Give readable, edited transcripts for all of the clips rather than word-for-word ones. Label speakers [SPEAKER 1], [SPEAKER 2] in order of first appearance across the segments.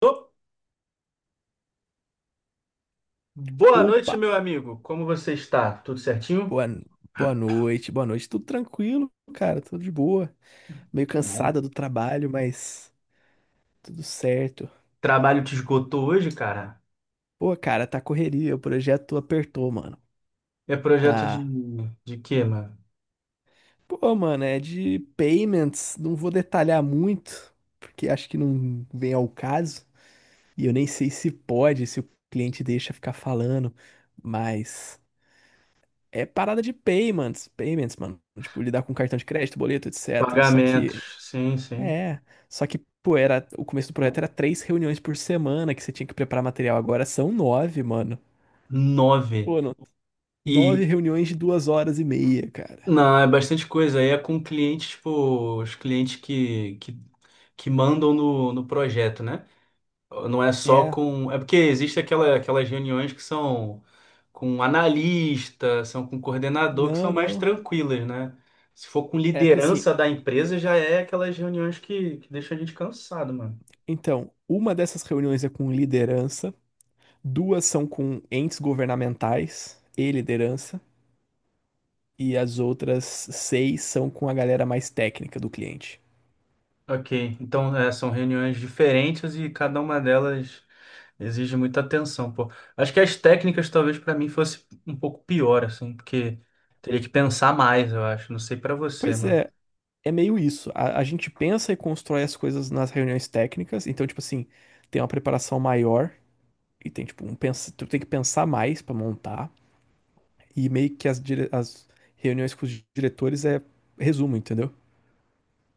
[SPEAKER 1] Ô, boa noite,
[SPEAKER 2] Opa,
[SPEAKER 1] meu amigo. Como você está? Tudo certinho?
[SPEAKER 2] boa, boa noite. Tudo tranquilo, cara, tudo de boa. Meio
[SPEAKER 1] Que bom.
[SPEAKER 2] cansada do trabalho, mas tudo certo.
[SPEAKER 1] Trabalho te esgotou hoje, cara?
[SPEAKER 2] Pô, cara, tá correria, o projeto apertou, mano.
[SPEAKER 1] É projeto de,
[SPEAKER 2] Tá.
[SPEAKER 1] de quê, mano?
[SPEAKER 2] Pô, mano, é de payments, não vou detalhar muito, porque acho que não vem ao caso. E eu nem sei se pode, se o cliente deixa ficar falando, mas é parada de payments, mano. Tipo, lidar com cartão de crédito, boleto, etc. Só
[SPEAKER 1] Pagamentos.
[SPEAKER 2] que
[SPEAKER 1] Sim, sim.
[SPEAKER 2] É, pô, o começo do projeto era três reuniões por semana que você tinha que preparar material. Agora são 9, mano.
[SPEAKER 1] Nove.
[SPEAKER 2] Pô, nove
[SPEAKER 1] E,
[SPEAKER 2] reuniões de duas horas e meia, cara.
[SPEAKER 1] não, é bastante coisa. Aí é com clientes, tipo, os clientes que mandam no projeto, né? Não é só
[SPEAKER 2] É,
[SPEAKER 1] com. É porque existe aquelas reuniões que são com analista, são com coordenador, que são
[SPEAKER 2] não,
[SPEAKER 1] mais
[SPEAKER 2] não.
[SPEAKER 1] tranquilas, né? Se for com
[SPEAKER 2] É, porque assim,
[SPEAKER 1] liderança da empresa, já é aquelas reuniões que deixam a gente cansado, mano.
[SPEAKER 2] então, uma dessas reuniões é com liderança, duas são com entes governamentais e liderança, e as outras seis são com a galera mais técnica do cliente.
[SPEAKER 1] Ok, então são reuniões diferentes e cada uma delas exige muita atenção, pô. Acho que as técnicas talvez pra mim fosse um pouco pior, assim, porque teria que pensar mais, eu acho. Não sei pra você,
[SPEAKER 2] Pois
[SPEAKER 1] mano.
[SPEAKER 2] é. É meio isso. A gente pensa e constrói as coisas nas reuniões técnicas. Então, tipo assim, tem uma preparação maior e tem, tipo, tu tem que pensar mais pra montar. E meio que as reuniões com os diretores é resumo, entendeu?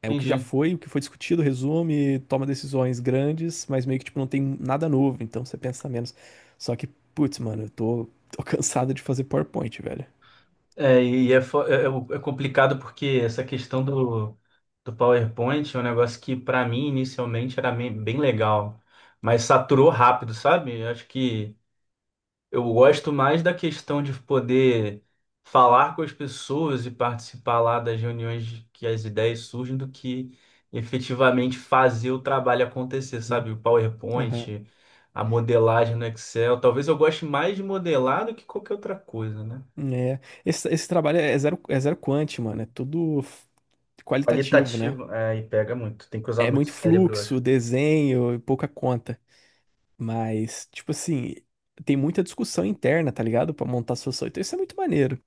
[SPEAKER 2] É o que já
[SPEAKER 1] Entendi.
[SPEAKER 2] foi, o que foi discutido, resume, toma decisões grandes, mas meio que, tipo, não tem nada novo. Então, você pensa menos. Só que, putz, mano, eu tô cansado de fazer PowerPoint, velho.
[SPEAKER 1] É complicado porque essa questão do PowerPoint é um negócio que, para mim, inicialmente era bem legal, mas saturou rápido, sabe? Eu acho que eu gosto mais da questão de poder falar com as pessoas e participar lá das reuniões que as ideias surgem do que efetivamente fazer o trabalho acontecer,
[SPEAKER 2] Hum.
[SPEAKER 1] sabe? O
[SPEAKER 2] Aham.
[SPEAKER 1] PowerPoint, a modelagem no Excel. Talvez eu goste mais de modelar do que qualquer outra coisa, né?
[SPEAKER 2] É. Esse trabalho é zero quant, mano. É tudo qualitativo, né?
[SPEAKER 1] Qualitativo, é, e pega muito. Tem que usar
[SPEAKER 2] É
[SPEAKER 1] muito o
[SPEAKER 2] muito
[SPEAKER 1] cérebro, eu acho.
[SPEAKER 2] fluxo, desenho e pouca conta. Mas, tipo assim, tem muita discussão interna, tá ligado? Pra montar solução. Então isso é muito maneiro.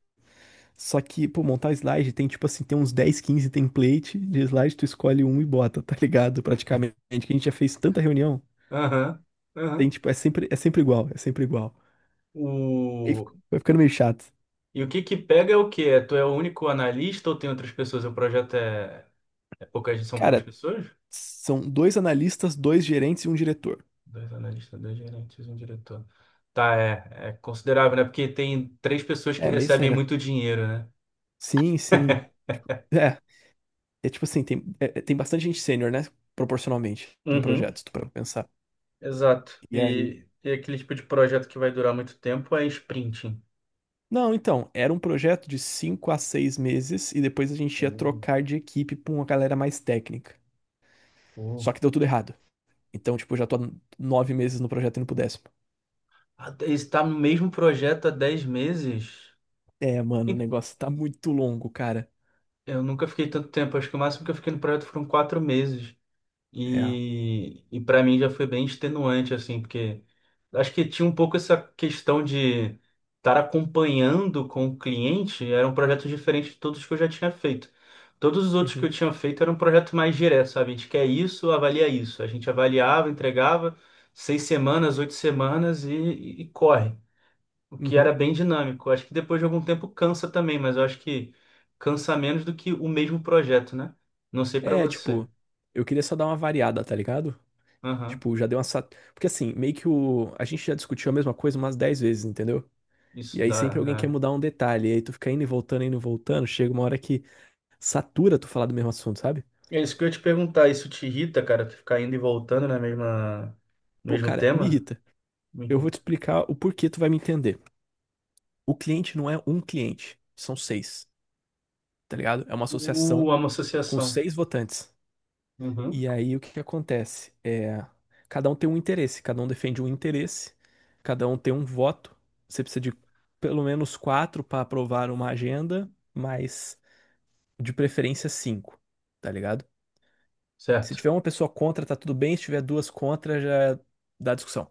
[SPEAKER 2] Só que, pô, montar slide tem, tipo assim, tem uns dez, 15 template de slide, tu escolhe um e bota, tá ligado? Praticamente. Que a gente já fez tanta reunião.
[SPEAKER 1] Aham,
[SPEAKER 2] Tem,
[SPEAKER 1] aham.
[SPEAKER 2] tipo, é sempre igual, é sempre igual. Aí
[SPEAKER 1] O...
[SPEAKER 2] vai ficando meio chato.
[SPEAKER 1] E o que que pega é o quê? É, tu é o único analista ou tem outras pessoas? O projeto são poucas
[SPEAKER 2] Cara,
[SPEAKER 1] pessoas?
[SPEAKER 2] são dois analistas, dois gerentes e um diretor.
[SPEAKER 1] Dois analistas, dois gerentes, um diretor. Tá, é considerável, né? Porque tem três pessoas que
[SPEAKER 2] É, meio
[SPEAKER 1] recebem
[SPEAKER 2] sênior.
[SPEAKER 1] muito dinheiro, né?
[SPEAKER 2] Sim, sim. É, é tipo assim, tem, tem bastante gente sênior, né? Proporcionalmente no
[SPEAKER 1] Uhum,
[SPEAKER 2] projeto, se tu para pensar.
[SPEAKER 1] exato.
[SPEAKER 2] E aí?
[SPEAKER 1] E aquele tipo de projeto que vai durar muito tempo é sprinting.
[SPEAKER 2] Não, então, era um projeto de 5 a 6 meses e depois a gente ia
[SPEAKER 1] Uh,
[SPEAKER 2] trocar de equipe pra uma galera mais técnica.
[SPEAKER 1] uh.
[SPEAKER 2] Só que deu tudo errado. Então, tipo, eu já tô há 9 meses no projeto indo pro 10º.
[SPEAKER 1] Ah, está no mesmo projeto há 10 meses?
[SPEAKER 2] É, mano, o negócio tá muito longo, cara.
[SPEAKER 1] Eu nunca fiquei tanto tempo, acho que o máximo que eu fiquei no projeto foram 4 meses.
[SPEAKER 2] É.
[SPEAKER 1] E para mim já foi bem extenuante, assim, porque acho que tinha um pouco essa questão de estar acompanhando com o cliente, era um projeto diferente de todos que eu já tinha feito. Todos os outros que eu
[SPEAKER 2] Uhum,
[SPEAKER 1] tinha feito era um projeto mais direto, sabe? A gente quer isso, avalia isso. A gente avaliava, entregava 6 semanas, 8 semanas e corre o que
[SPEAKER 2] uhum.
[SPEAKER 1] era bem dinâmico. Acho que depois de algum tempo cansa também, mas eu acho que cansa menos do que o mesmo projeto, né? Não sei pra
[SPEAKER 2] É,
[SPEAKER 1] você.
[SPEAKER 2] tipo, eu queria só dar uma variada, tá ligado?
[SPEAKER 1] Aham,
[SPEAKER 2] Tipo, já deu uma. Porque assim, meio que o. A gente já discutiu a mesma coisa umas 10 vezes, entendeu? E
[SPEAKER 1] isso
[SPEAKER 2] aí sempre alguém quer
[SPEAKER 1] dá.
[SPEAKER 2] mudar um detalhe. E aí tu fica indo e voltando, indo e voltando. Chega uma hora que satura tu falar do mesmo assunto, sabe?
[SPEAKER 1] É. É isso que eu ia te perguntar. Isso te irrita, cara? Tu ficar indo e voltando na mesma, no
[SPEAKER 2] Pô,
[SPEAKER 1] mesmo
[SPEAKER 2] cara, me
[SPEAKER 1] tema?
[SPEAKER 2] irrita.
[SPEAKER 1] Me
[SPEAKER 2] Eu vou te
[SPEAKER 1] irrita.
[SPEAKER 2] explicar o porquê tu vai me entender. O cliente não é um cliente, são seis, tá ligado? É uma associação
[SPEAKER 1] É uma
[SPEAKER 2] com
[SPEAKER 1] associação.
[SPEAKER 2] seis votantes.
[SPEAKER 1] Uhum.
[SPEAKER 2] E aí o que que acontece? É, cada um tem um interesse, cada um defende um interesse, cada um tem um voto. Você precisa de pelo menos quatro para aprovar uma agenda, mas de preferência cinco, tá ligado? Se
[SPEAKER 1] Certo.
[SPEAKER 2] tiver uma pessoa contra, tá tudo bem. Se tiver duas contra, já dá discussão.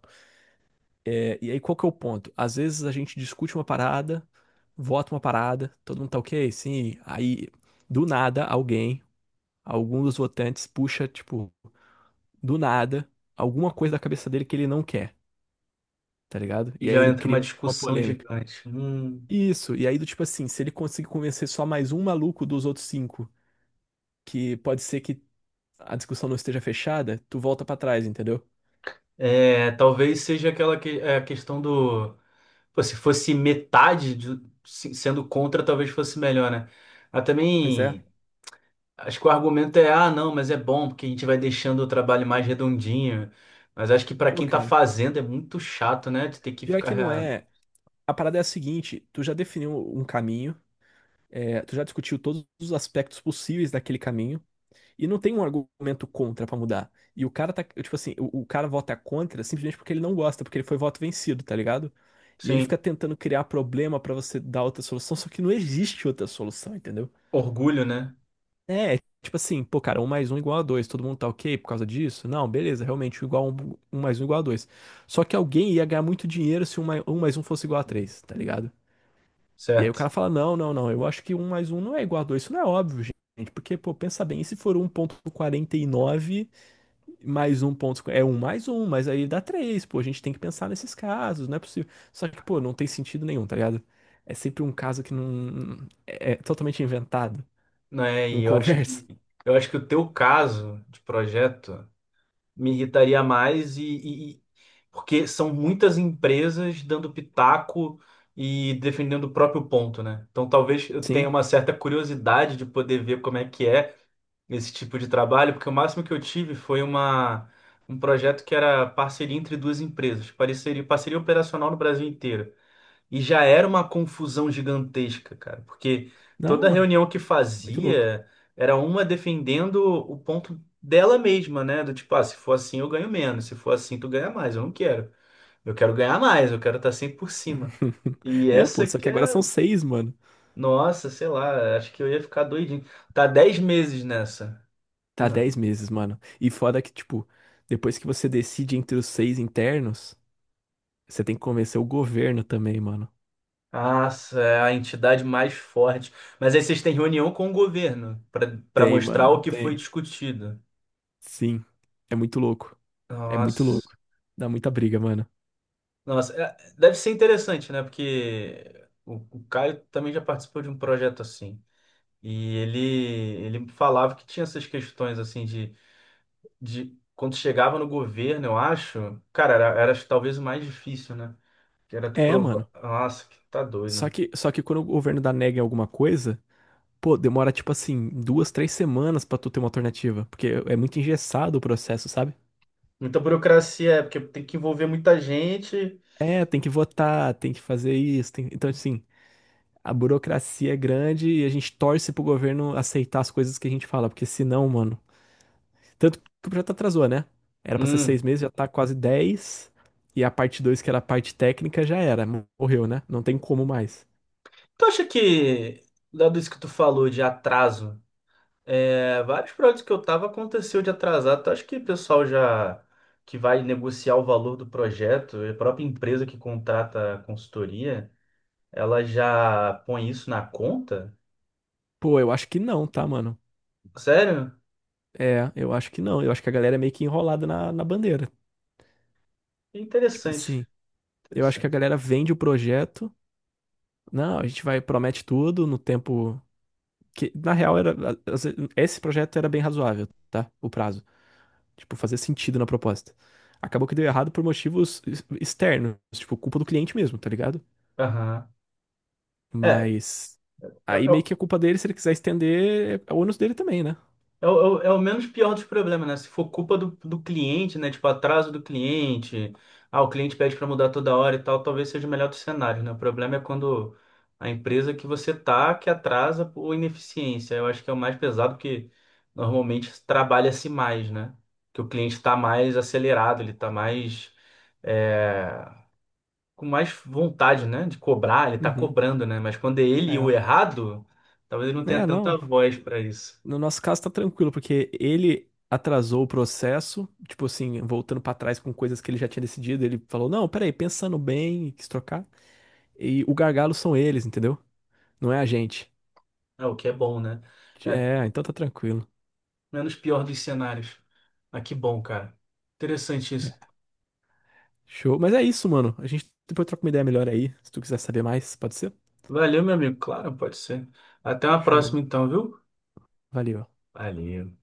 [SPEAKER 2] É, e aí, qual que é o ponto? Às vezes a gente discute uma parada, vota uma parada, todo mundo tá ok, sim. Aí, do nada, alguém, algum dos votantes, puxa, tipo, do nada, alguma coisa da cabeça dele que ele não quer, tá ligado?
[SPEAKER 1] E
[SPEAKER 2] E aí
[SPEAKER 1] já
[SPEAKER 2] ele
[SPEAKER 1] entra uma
[SPEAKER 2] cria uma
[SPEAKER 1] discussão
[SPEAKER 2] polêmica.
[SPEAKER 1] gigante. Hum.
[SPEAKER 2] Isso, e aí do tipo assim, se ele conseguir convencer só mais um maluco dos outros cinco, que pode ser que a discussão não esteja fechada, tu volta pra trás, entendeu?
[SPEAKER 1] É, talvez seja aquela que, é, a questão do. Pô, se fosse metade sendo contra, talvez fosse melhor, né? Mas
[SPEAKER 2] Pois é.
[SPEAKER 1] também acho que o argumento é, ah, não, mas é bom, porque a gente vai deixando o trabalho mais redondinho. Mas acho que pra
[SPEAKER 2] Pô,
[SPEAKER 1] quem tá
[SPEAKER 2] cara.
[SPEAKER 1] fazendo é muito chato, né? De ter que
[SPEAKER 2] Pior que
[SPEAKER 1] ficar
[SPEAKER 2] não é. A parada é a seguinte, tu já definiu um caminho, é, tu já discutiu todos os aspectos possíveis daquele caminho, e não tem um argumento contra pra mudar. E o cara tá, tipo assim, o cara vota contra simplesmente porque ele não gosta, porque ele foi voto vencido, tá ligado? E ele
[SPEAKER 1] sem
[SPEAKER 2] fica tentando criar problema pra você dar outra solução, só que não existe outra solução, entendeu?
[SPEAKER 1] orgulho, né?
[SPEAKER 2] É, tipo assim, pô, cara, um mais um igual a dois, todo mundo tá ok por causa disso? Não, beleza, realmente, um igual a um, um mais um igual a dois. Só que alguém ia ganhar muito dinheiro se um mais um, mais um fosse igual a três, tá ligado? E aí o cara
[SPEAKER 1] Certo.
[SPEAKER 2] fala, não, não, não, eu acho que um mais um não é igual a dois. Isso não é óbvio, gente. Porque, pô, pensa bem, e se for 1,49 mais um ponto, é um mais um, mas aí dá três. Pô, a gente tem que pensar nesses casos, não é possível. Só que, pô, não tem sentido nenhum, tá ligado? É sempre um caso que não, é totalmente inventado,
[SPEAKER 1] Não é,
[SPEAKER 2] não
[SPEAKER 1] e eu acho
[SPEAKER 2] conversa.
[SPEAKER 1] que eu acho que o teu caso de projeto. Me irritaria mais e porque são muitas empresas dando pitaco e defendendo o próprio ponto, né? Então talvez eu tenha
[SPEAKER 2] Sim,
[SPEAKER 1] uma certa curiosidade de poder ver como é que é esse tipo de trabalho, porque o máximo que eu tive foi uma um projeto que era parceria entre duas empresas, parceria, parceria operacional no Brasil inteiro. E já era uma confusão gigantesca, cara, porque
[SPEAKER 2] não,
[SPEAKER 1] toda
[SPEAKER 2] mano,
[SPEAKER 1] reunião que
[SPEAKER 2] muito louco.
[SPEAKER 1] fazia era uma defendendo o ponto dela mesma, né? Do tipo, ah, se for assim eu ganho menos, se for assim tu ganha mais, eu não quero. Eu quero ganhar mais, eu quero estar sempre por cima. E
[SPEAKER 2] É, pô,
[SPEAKER 1] essa
[SPEAKER 2] só
[SPEAKER 1] que
[SPEAKER 2] que agora
[SPEAKER 1] é,
[SPEAKER 2] são seis, mano.
[SPEAKER 1] nossa, sei lá, acho que eu ia ficar doidinho. Tá 10 meses nessa.
[SPEAKER 2] Tá
[SPEAKER 1] Não.
[SPEAKER 2] 10 meses, mano. E foda que, tipo, depois que você decide entre os 6 internos, você tem que convencer o governo também, mano.
[SPEAKER 1] Nossa, é a entidade mais forte. Mas aí vocês têm reunião com o governo para
[SPEAKER 2] Tem,
[SPEAKER 1] mostrar o
[SPEAKER 2] mano,
[SPEAKER 1] que foi
[SPEAKER 2] tem.
[SPEAKER 1] discutido.
[SPEAKER 2] Sim. É muito louco. É muito
[SPEAKER 1] Nossa.
[SPEAKER 2] louco. Dá muita briga, mano.
[SPEAKER 1] Nossa, deve ser interessante, né? Porque o Caio também já participou de um projeto assim. E ele falava que tinha essas questões assim de quando chegava no governo, eu acho, cara, era talvez o mais difícil, né? Que era tu
[SPEAKER 2] É,
[SPEAKER 1] provar.
[SPEAKER 2] mano.
[SPEAKER 1] Nossa, que tá doido,
[SPEAKER 2] Só
[SPEAKER 1] né?
[SPEAKER 2] que, só que quando o governo dá nega em alguma coisa, pô, demora tipo assim, 2, 3 semanas pra tu ter uma alternativa. Porque é muito engessado o processo, sabe?
[SPEAKER 1] Muita burocracia, é, porque tem que envolver muita gente.
[SPEAKER 2] É, tem que votar, tem que fazer isso. Então, assim, a burocracia é grande e a gente torce pro governo aceitar as coisas que a gente fala, porque senão, mano. Tanto que o projeto atrasou, né? Era pra ser seis
[SPEAKER 1] Hum.
[SPEAKER 2] meses, já tá quase 10. E a parte dois, que era a parte técnica, já era. Morreu, né? Não tem como mais.
[SPEAKER 1] Tu acha que, dado isso que tu falou de atraso, é, vários projetos que eu tava aconteceu de atrasar. Então, acho que o pessoal já que vai negociar o valor do projeto, a própria empresa que contrata a consultoria, ela já põe isso na conta?
[SPEAKER 2] Pô, eu acho que não, tá, mano?
[SPEAKER 1] Sério?
[SPEAKER 2] É, eu acho que não. Eu acho que a galera é meio que enrolada na bandeira. Tipo
[SPEAKER 1] Interessante,
[SPEAKER 2] assim, eu acho que a
[SPEAKER 1] interessante.
[SPEAKER 2] galera vende o projeto. Não, a gente vai, promete tudo no tempo. Que, na real, esse projeto era bem razoável, tá? O prazo. Tipo, fazer sentido na proposta. Acabou que deu errado por motivos externos, tipo, culpa do cliente mesmo, tá ligado?
[SPEAKER 1] Aham. É,
[SPEAKER 2] Mas
[SPEAKER 1] é,
[SPEAKER 2] aí meio que é culpa dele, se ele quiser estender, é o ônus dele também, né?
[SPEAKER 1] é o menos pior dos problemas, né? Se for culpa do cliente, né? Tipo, atraso do cliente, o cliente pede para mudar toda hora e tal, talvez seja o melhor dos cenários, né? O problema é quando a empresa que você tá que atrasa por ineficiência. Eu acho que é o mais pesado, porque normalmente trabalha-se mais, né? Que o cliente está mais acelerado, ele está mais, é, com mais vontade, né? De cobrar, ele está
[SPEAKER 2] Uhum.
[SPEAKER 1] cobrando, né? Mas quando é ele o
[SPEAKER 2] É.
[SPEAKER 1] errado, talvez ele não tenha
[SPEAKER 2] É,
[SPEAKER 1] tanta
[SPEAKER 2] não.
[SPEAKER 1] voz para isso.
[SPEAKER 2] No nosso caso tá tranquilo, porque ele atrasou o processo, tipo assim, voltando pra trás com coisas que ele já tinha decidido, ele falou: "Não, peraí, pensando bem, e quis trocar". E o gargalo são eles, entendeu? Não é a gente.
[SPEAKER 1] É o que é bom, né? É,
[SPEAKER 2] É, então tá tranquilo.
[SPEAKER 1] menos pior dos cenários. Ah, que bom, cara. Interessante
[SPEAKER 2] É.
[SPEAKER 1] isso.
[SPEAKER 2] Show. Mas é isso, mano. A gente depois troca uma ideia melhor aí. Se tu quiser saber mais, pode ser?
[SPEAKER 1] Valeu, meu amigo. Claro, pode ser. Até uma
[SPEAKER 2] Show.
[SPEAKER 1] próxima, então, viu?
[SPEAKER 2] Valeu.
[SPEAKER 1] Valeu.